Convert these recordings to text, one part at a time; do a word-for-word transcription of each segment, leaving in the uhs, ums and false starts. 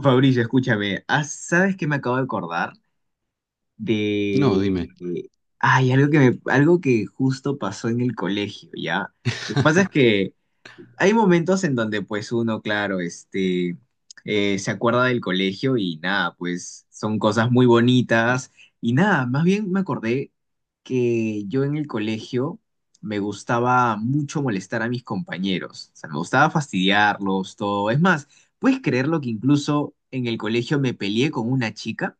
Fabricio, escúchame, ah, ¿sabes qué me acabo de acordar? No, De... dime. de- Ay, algo que me- algo que justo pasó en el colegio, ¿ya? Lo que pasa es que hay momentos en donde pues uno, claro, este, eh, se acuerda del colegio y nada, pues son cosas muy bonitas y nada, más bien me acordé que yo en el colegio me gustaba mucho molestar a mis compañeros, o sea, me gustaba fastidiarlos, todo. Es más, ¿puedes creerlo que incluso en el colegio me peleé con una chica?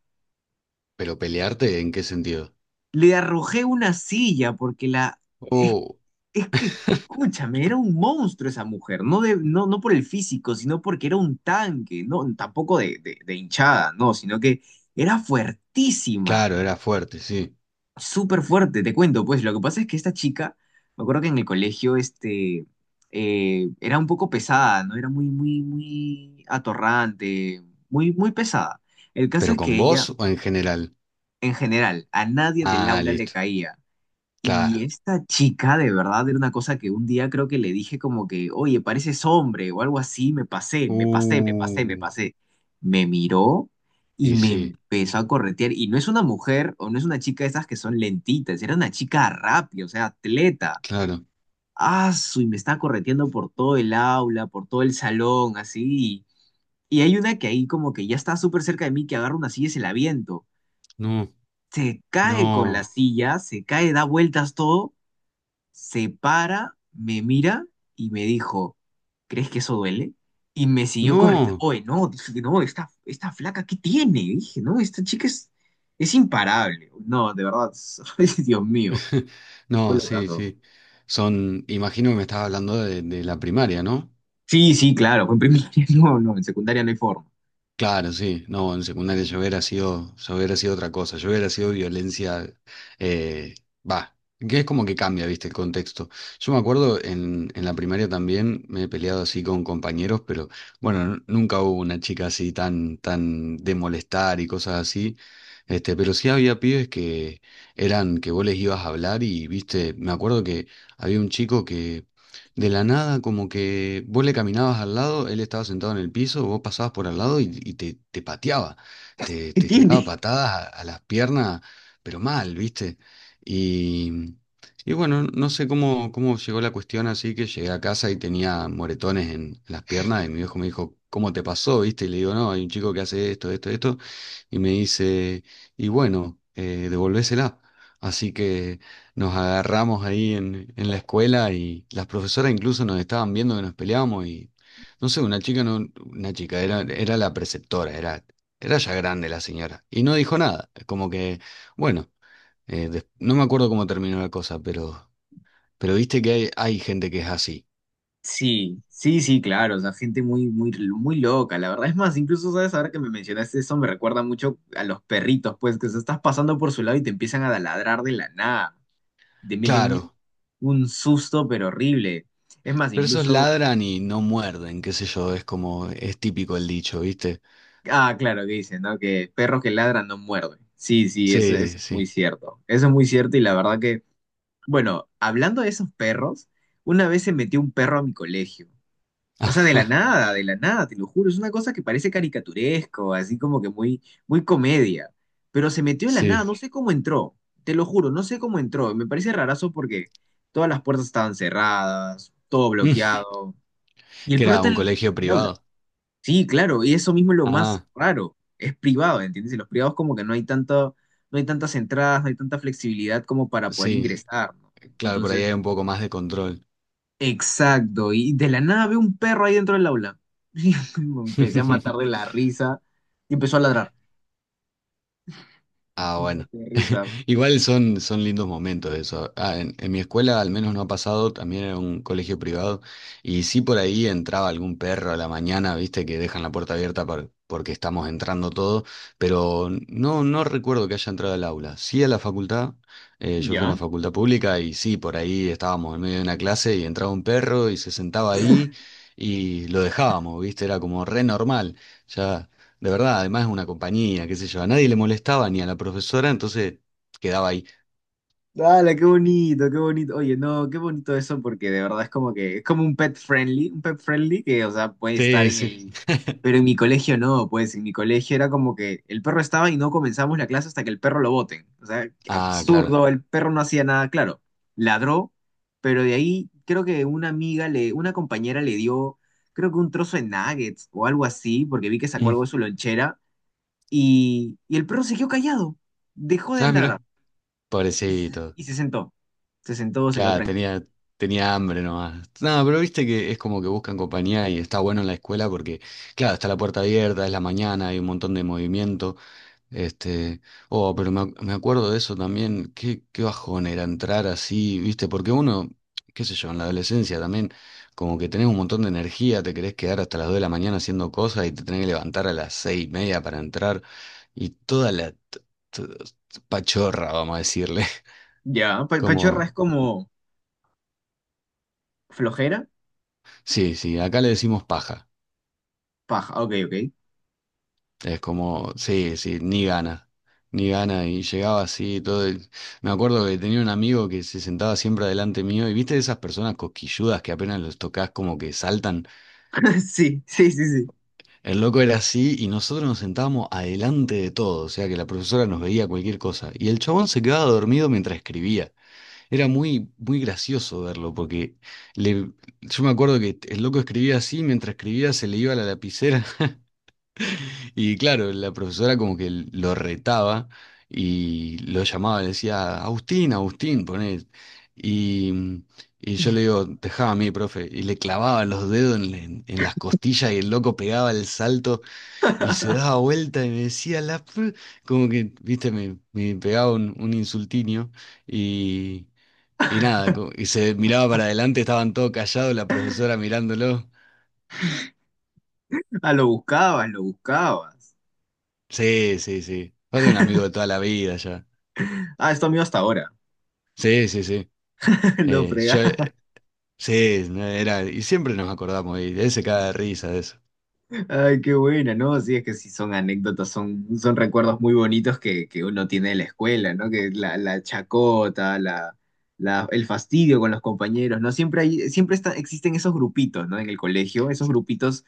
¿Pero pelearte en qué sentido? Le arrojé una silla porque la... es- Oh, Es que, escúchame, era un monstruo esa mujer, no, de, no, no por el físico, sino porque era un tanque, no, tampoco de, de, de hinchada, no, sino que era fuertísima, claro, era fuerte, sí. súper fuerte, te cuento, pues lo que pasa es que esta chica, me acuerdo que en el colegio, este, eh, era un poco pesada, ¿no? Era muy, muy, muy atorrante, muy, muy pesada. El caso ¿Pero es que con vos ella, o en general? en general, a nadie del Ah, aula le listo. caía. Claro. Y esta chica, de verdad, era una cosa que un día creo que le dije como que, oye, pareces hombre o algo así, me pasé, me pasé, me pasé, me Uh, pasé. Me miró y y me sí, empezó a corretear. Y no es una mujer o no es una chica de esas que son lentitas, era una chica rápida, o sea, atleta. claro. Ah, su, y me está correteando por todo el aula, por todo el salón, así. Y hay una que ahí como que ya está súper cerca de mí, que agarra una silla y se la aviento. No, Se cae con la no, silla, se cae, da vueltas todo, se para, me mira y me dijo, ¿crees que eso duele? Y me siguió corriendo. no. Oye, no, dije, no, esta, esta flaca, ¿qué tiene? Dije, no, esta chica es, es imparable. No, de verdad, ay, Dios mío, fue No, lo sí, caso. sí. Son, imagino que me estabas hablando de, de la primaria, ¿no? Sí, sí, claro, fue en primaria, no, no, en secundaria no hay forma. Claro, sí, no, en secundaria yo hubiera sido, yo hubiera sido otra cosa, yo hubiera sido violencia, eh, va, que es como que cambia, viste, el contexto. Yo me acuerdo en, en la primaria también me he peleado así con compañeros, pero bueno, n- nunca hubo una chica así tan, tan de molestar y cosas así, este, pero sí había pibes que eran, que vos les ibas a hablar y, viste, me acuerdo que había un chico que de la nada, como que vos le caminabas al lado, él estaba sentado en el piso, vos pasabas por al lado y, y te, te pateaba, te, ¿Qué te tiraba tiene? patadas a, a las piernas, pero mal, ¿viste? Y, y bueno, no sé cómo, cómo llegó la cuestión así que llegué a casa y tenía moretones en las piernas y mi viejo me dijo, ¿cómo te pasó? ¿Viste? Y le digo, no, hay un chico que hace esto, esto, esto, y me dice, y bueno, eh, devolvésela. Así que nos agarramos ahí en, en la escuela y las profesoras incluso nos estaban viendo que nos peleábamos y no sé, una chica no, una chica, era, era la preceptora, era, era ya grande la señora. Y no dijo nada. Como que, bueno, eh, des- no me acuerdo cómo terminó la cosa, pero, pero viste que hay, hay gente que es así. Sí, sí, sí, claro, o sea, gente muy, muy, muy loca, la verdad. Es más, incluso, ¿sabes? Ahora que me mencionaste eso, me recuerda mucho a los perritos, pues, que se estás pasando por su lado y te empiezan a ladrar de la nada. Te meten un, Claro, un susto, pero horrible. Es más, pero esos incluso, ladran y no muerden, qué sé yo, es como, es típico el dicho, ¿viste? ah, claro, que dicen, ¿no? Que perros que ladran no muerden. Sí, sí, eso, Sí, eso es muy sí. cierto. Eso es muy cierto y la verdad que, bueno, hablando de esos perros, una vez se metió un perro a mi colegio. O sea, de la Ajá, nada, de la nada, te lo juro. Es una cosa que parece caricaturesco, así como que muy, muy comedia. Pero se metió de la nada, sí. no sé cómo entró. Te lo juro, no sé cómo entró. Me parece rarazo porque todas las puertas estaban cerradas, todo Mm, bloqueado. Y el ¿Que perro era está en un el, en colegio el aula. privado? Sí, claro, y eso mismo es lo más Ah, raro. Es privado, ¿entiendes? Y los privados como que no hay tanto, no hay tantas entradas, no hay tanta flexibilidad como para poder sí. ingresar, ¿no? Claro, por ahí Entonces, hay un poco más de control. exacto. Y de la nada veo un perro ahí dentro del aula. Y me empecé a matar de la risa y empezó a ladrar. Ah, bueno. De risa. Igual son, son lindos momentos eso. Ah, en, en mi escuela al menos no ha pasado, también era un colegio privado, y sí por ahí entraba algún perro a la mañana, viste, que dejan la puerta abierta por- porque estamos entrando todo, pero no, no recuerdo que haya entrado al aula. Sí a la facultad, eh, yo fui a una Ya. facultad pública y sí, por ahí estábamos en medio de una clase y entraba un perro y se sentaba ahí y lo dejábamos, viste, era como re normal. Ya. De verdad, además es una compañía, qué sé yo. A nadie le molestaba ni a la profesora, entonces quedaba ahí. Dale, qué bonito, qué bonito. Oye, no, qué bonito eso porque de verdad es como que es como un pet friendly, un pet friendly que, o sea, puede estar Sí, en sí. el... Pero en mi colegio no, pues en mi colegio era como que el perro estaba y no comenzamos la clase hasta que el perro lo boten. O sea, Ah, claro. absurdo, el perro no hacía nada, claro, ladró, pero de ahí creo que una amiga le, una compañera le dio, creo que un trozo de nuggets o algo así, porque vi que sacó Mm. algo de su lonchera y, y el perro siguió callado, dejó de Ah, ladrar. mira, Y se, pobrecito. y se sentó. Se sentó, se quedó Claro, tranquilo. tenía, tenía hambre nomás. No, pero viste que es como que buscan compañía y está bueno en la escuela porque, claro, está la puerta abierta, es la mañana, hay un montón de movimiento. Este, oh, pero me, ac- me acuerdo de eso también, qué, qué bajón era entrar así, ¿viste? Porque uno, qué sé yo, en la adolescencia también, como que tenés un montón de energía, te querés quedar hasta las dos de la mañana haciendo cosas y te tenés que levantar a las seis y media para entrar y toda la t- t- pachorra, vamos a decirle. Ya, pa- pachorra es Como, como flojera, sí, sí, acá le decimos paja. paja. Ok, ok. Es como, sí, sí, ni gana, ni gana. Y llegaba así, todo. el- Me acuerdo que tenía un amigo que se sentaba siempre adelante mío. Y viste esas personas cosquilludas que apenas los tocas, como que saltan. Sí, sí, sí, sí. El loco era así y nosotros nos sentábamos adelante de todo. O sea que la profesora nos veía cualquier cosa. Y el chabón se quedaba dormido mientras escribía. Era muy, muy gracioso verlo porque le... yo me acuerdo que el loco escribía así, mientras escribía se le iba la lapicera. Y claro, la profesora como que lo retaba y lo llamaba, le decía, Agustín, Agustín, poné. Y, y yo le digo, dejá a mí, profe. Y le clavaba los dedos en, en- en las costillas y el loco pegaba el salto y se daba vuelta y me decía, la... fr-". Como que, viste, me, me pegaba un, un insultinio y, y nada, co- y se miraba para adelante, estaban todos callados, la profesora mirándolo. Ah, lo buscabas, lo buscabas. Sí, sí, sí. Va a ser un amigo de toda la vida ya. Ah, es tu amigo hasta ahora. Sí, sí, sí. Lo Eh, yo, fregás. eh, sí, no, era, y siempre nos acordamos, y él se caga de risa de eso. Ay, qué buena, ¿no? Sí, es que sí son anécdotas, son, son recuerdos muy bonitos que, que uno tiene de la escuela, ¿no? Que la, la chacota, la, la- el fastidio con los compañeros, ¿no? Siempre hay, siempre está- existen esos grupitos, ¿no? En el colegio, esos grupitos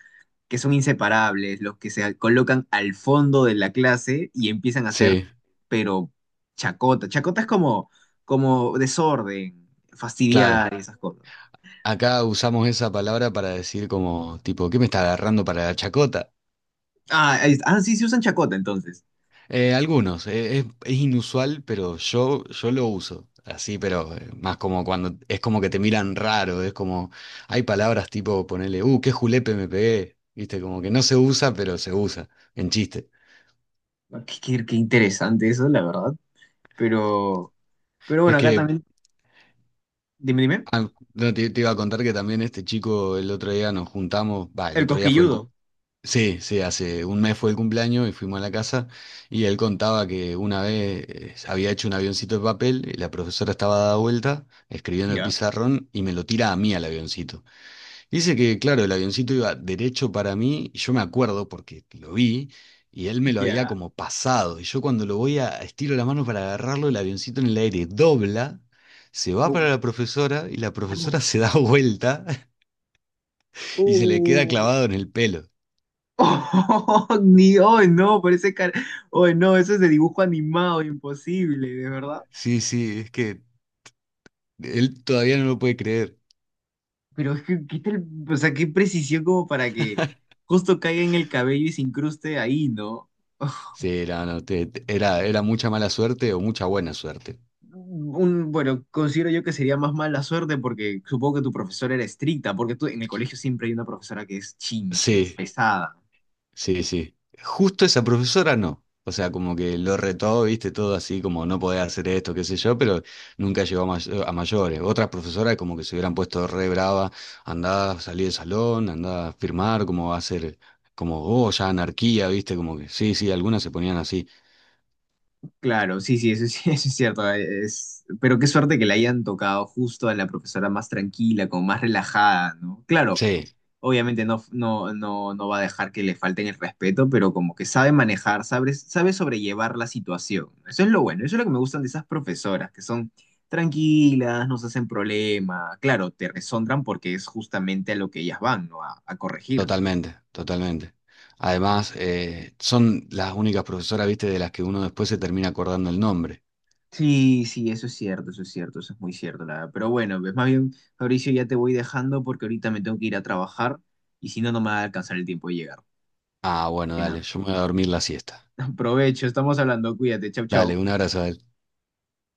que son inseparables, los que se colocan al fondo de la clase y empiezan a hacer, Sí, pero chacota. Chacota es como, como desorden, claro. fastidiar y esas cosas. Acá usamos esa palabra para decir como, tipo, ¿qué me está agarrando para la chacota? Ah, es- ah, sí, se usan chacota entonces. Eh, algunos, eh, es, es inusual, pero yo, yo lo uso. Así, pero eh, más como cuando es como que te miran raro, es como, hay palabras tipo ponerle, uh, qué julepe me pegué, viste, como que no se usa, pero se usa, en chiste. Ah, Qué, qué- qué interesante eso, la verdad. Pero, pero Es bueno, acá que. también, dime, dime, Ah, no, te, te iba a contar que también este chico el otro día nos juntamos, va, el el otro día fue el... cu- cosquilludo. Sí, sí, hace un mes fue el cumpleaños y fuimos a la casa y él contaba que una vez eh, había hecho un avioncito de papel y la profesora estaba dada vuelta escribiendo el Ya, pizarrón y me lo tira a mí al avioncito. Dice que, claro, el avioncito iba derecho para mí, y yo me acuerdo porque lo vi, y él me lo había ya. como pasado. Y yo cuando lo voy a estiro la mano para agarrarlo, el avioncito en el aire dobla, se va para la profesora, y la profesora se da vuelta y se le queda Uh. clavado en el pelo. Oh, ni, oh, no, parece car... Oh, no, eso es de dibujo animado, imposible, de verdad. Sí, sí, es que él todavía no lo puede creer. Pero es que, ¿qué tal? O sea, qué precisión como para que justo caiga en el cabello y se incruste ahí, ¿no? Sí, era, no, te- te- era, era mucha mala suerte o mucha buena suerte. Un, bueno, considero yo que sería más mala suerte porque supongo que tu profesora era estricta, porque tú en el colegio siempre hay una profesora que es chinche, Sí. pesada. Sí, sí. Justo esa profesora no. O sea, como que lo retó, viste, todo así, como no podés hacer esto, qué sé yo, pero nunca llegó a, may- a mayores. Otras profesoras como que se hubieran puesto re brava, andá, salí del salón, andá a firmar, como va a ser, como, oh, ya anarquía, viste, como que, sí, sí, algunas se ponían así. Claro, sí, sí, eso, es- eso es cierto. Es, pero qué suerte que le hayan tocado justo a la profesora más tranquila, como más relajada, ¿no? Claro, Sí, obviamente no, no, no, no va a dejar que le falten el respeto, pero como que sabe manejar, sabe, sabe sobrellevar la situación. Eso es lo bueno, eso es lo que me gustan de esas profesoras, que son tranquilas, no se hacen problema, claro, te resondran porque es justamente a lo que ellas van, ¿no? A, a corregir. totalmente, totalmente. Además, eh, son las únicas profesoras, viste, de las que uno después se termina acordando el nombre. Sí, sí, eso es cierto, eso es cierto, eso es muy cierto, la verdad. Pero bueno, pues más bien, Fabricio, ya te voy dejando porque ahorita me tengo que ir a trabajar y si no, no me va a alcanzar el tiempo de llegar. Ah, Así bueno, que dale, nada, yo me voy a dormir la siesta. aprovecho, estamos hablando, cuídate, chau, Dale, chau. un abrazo.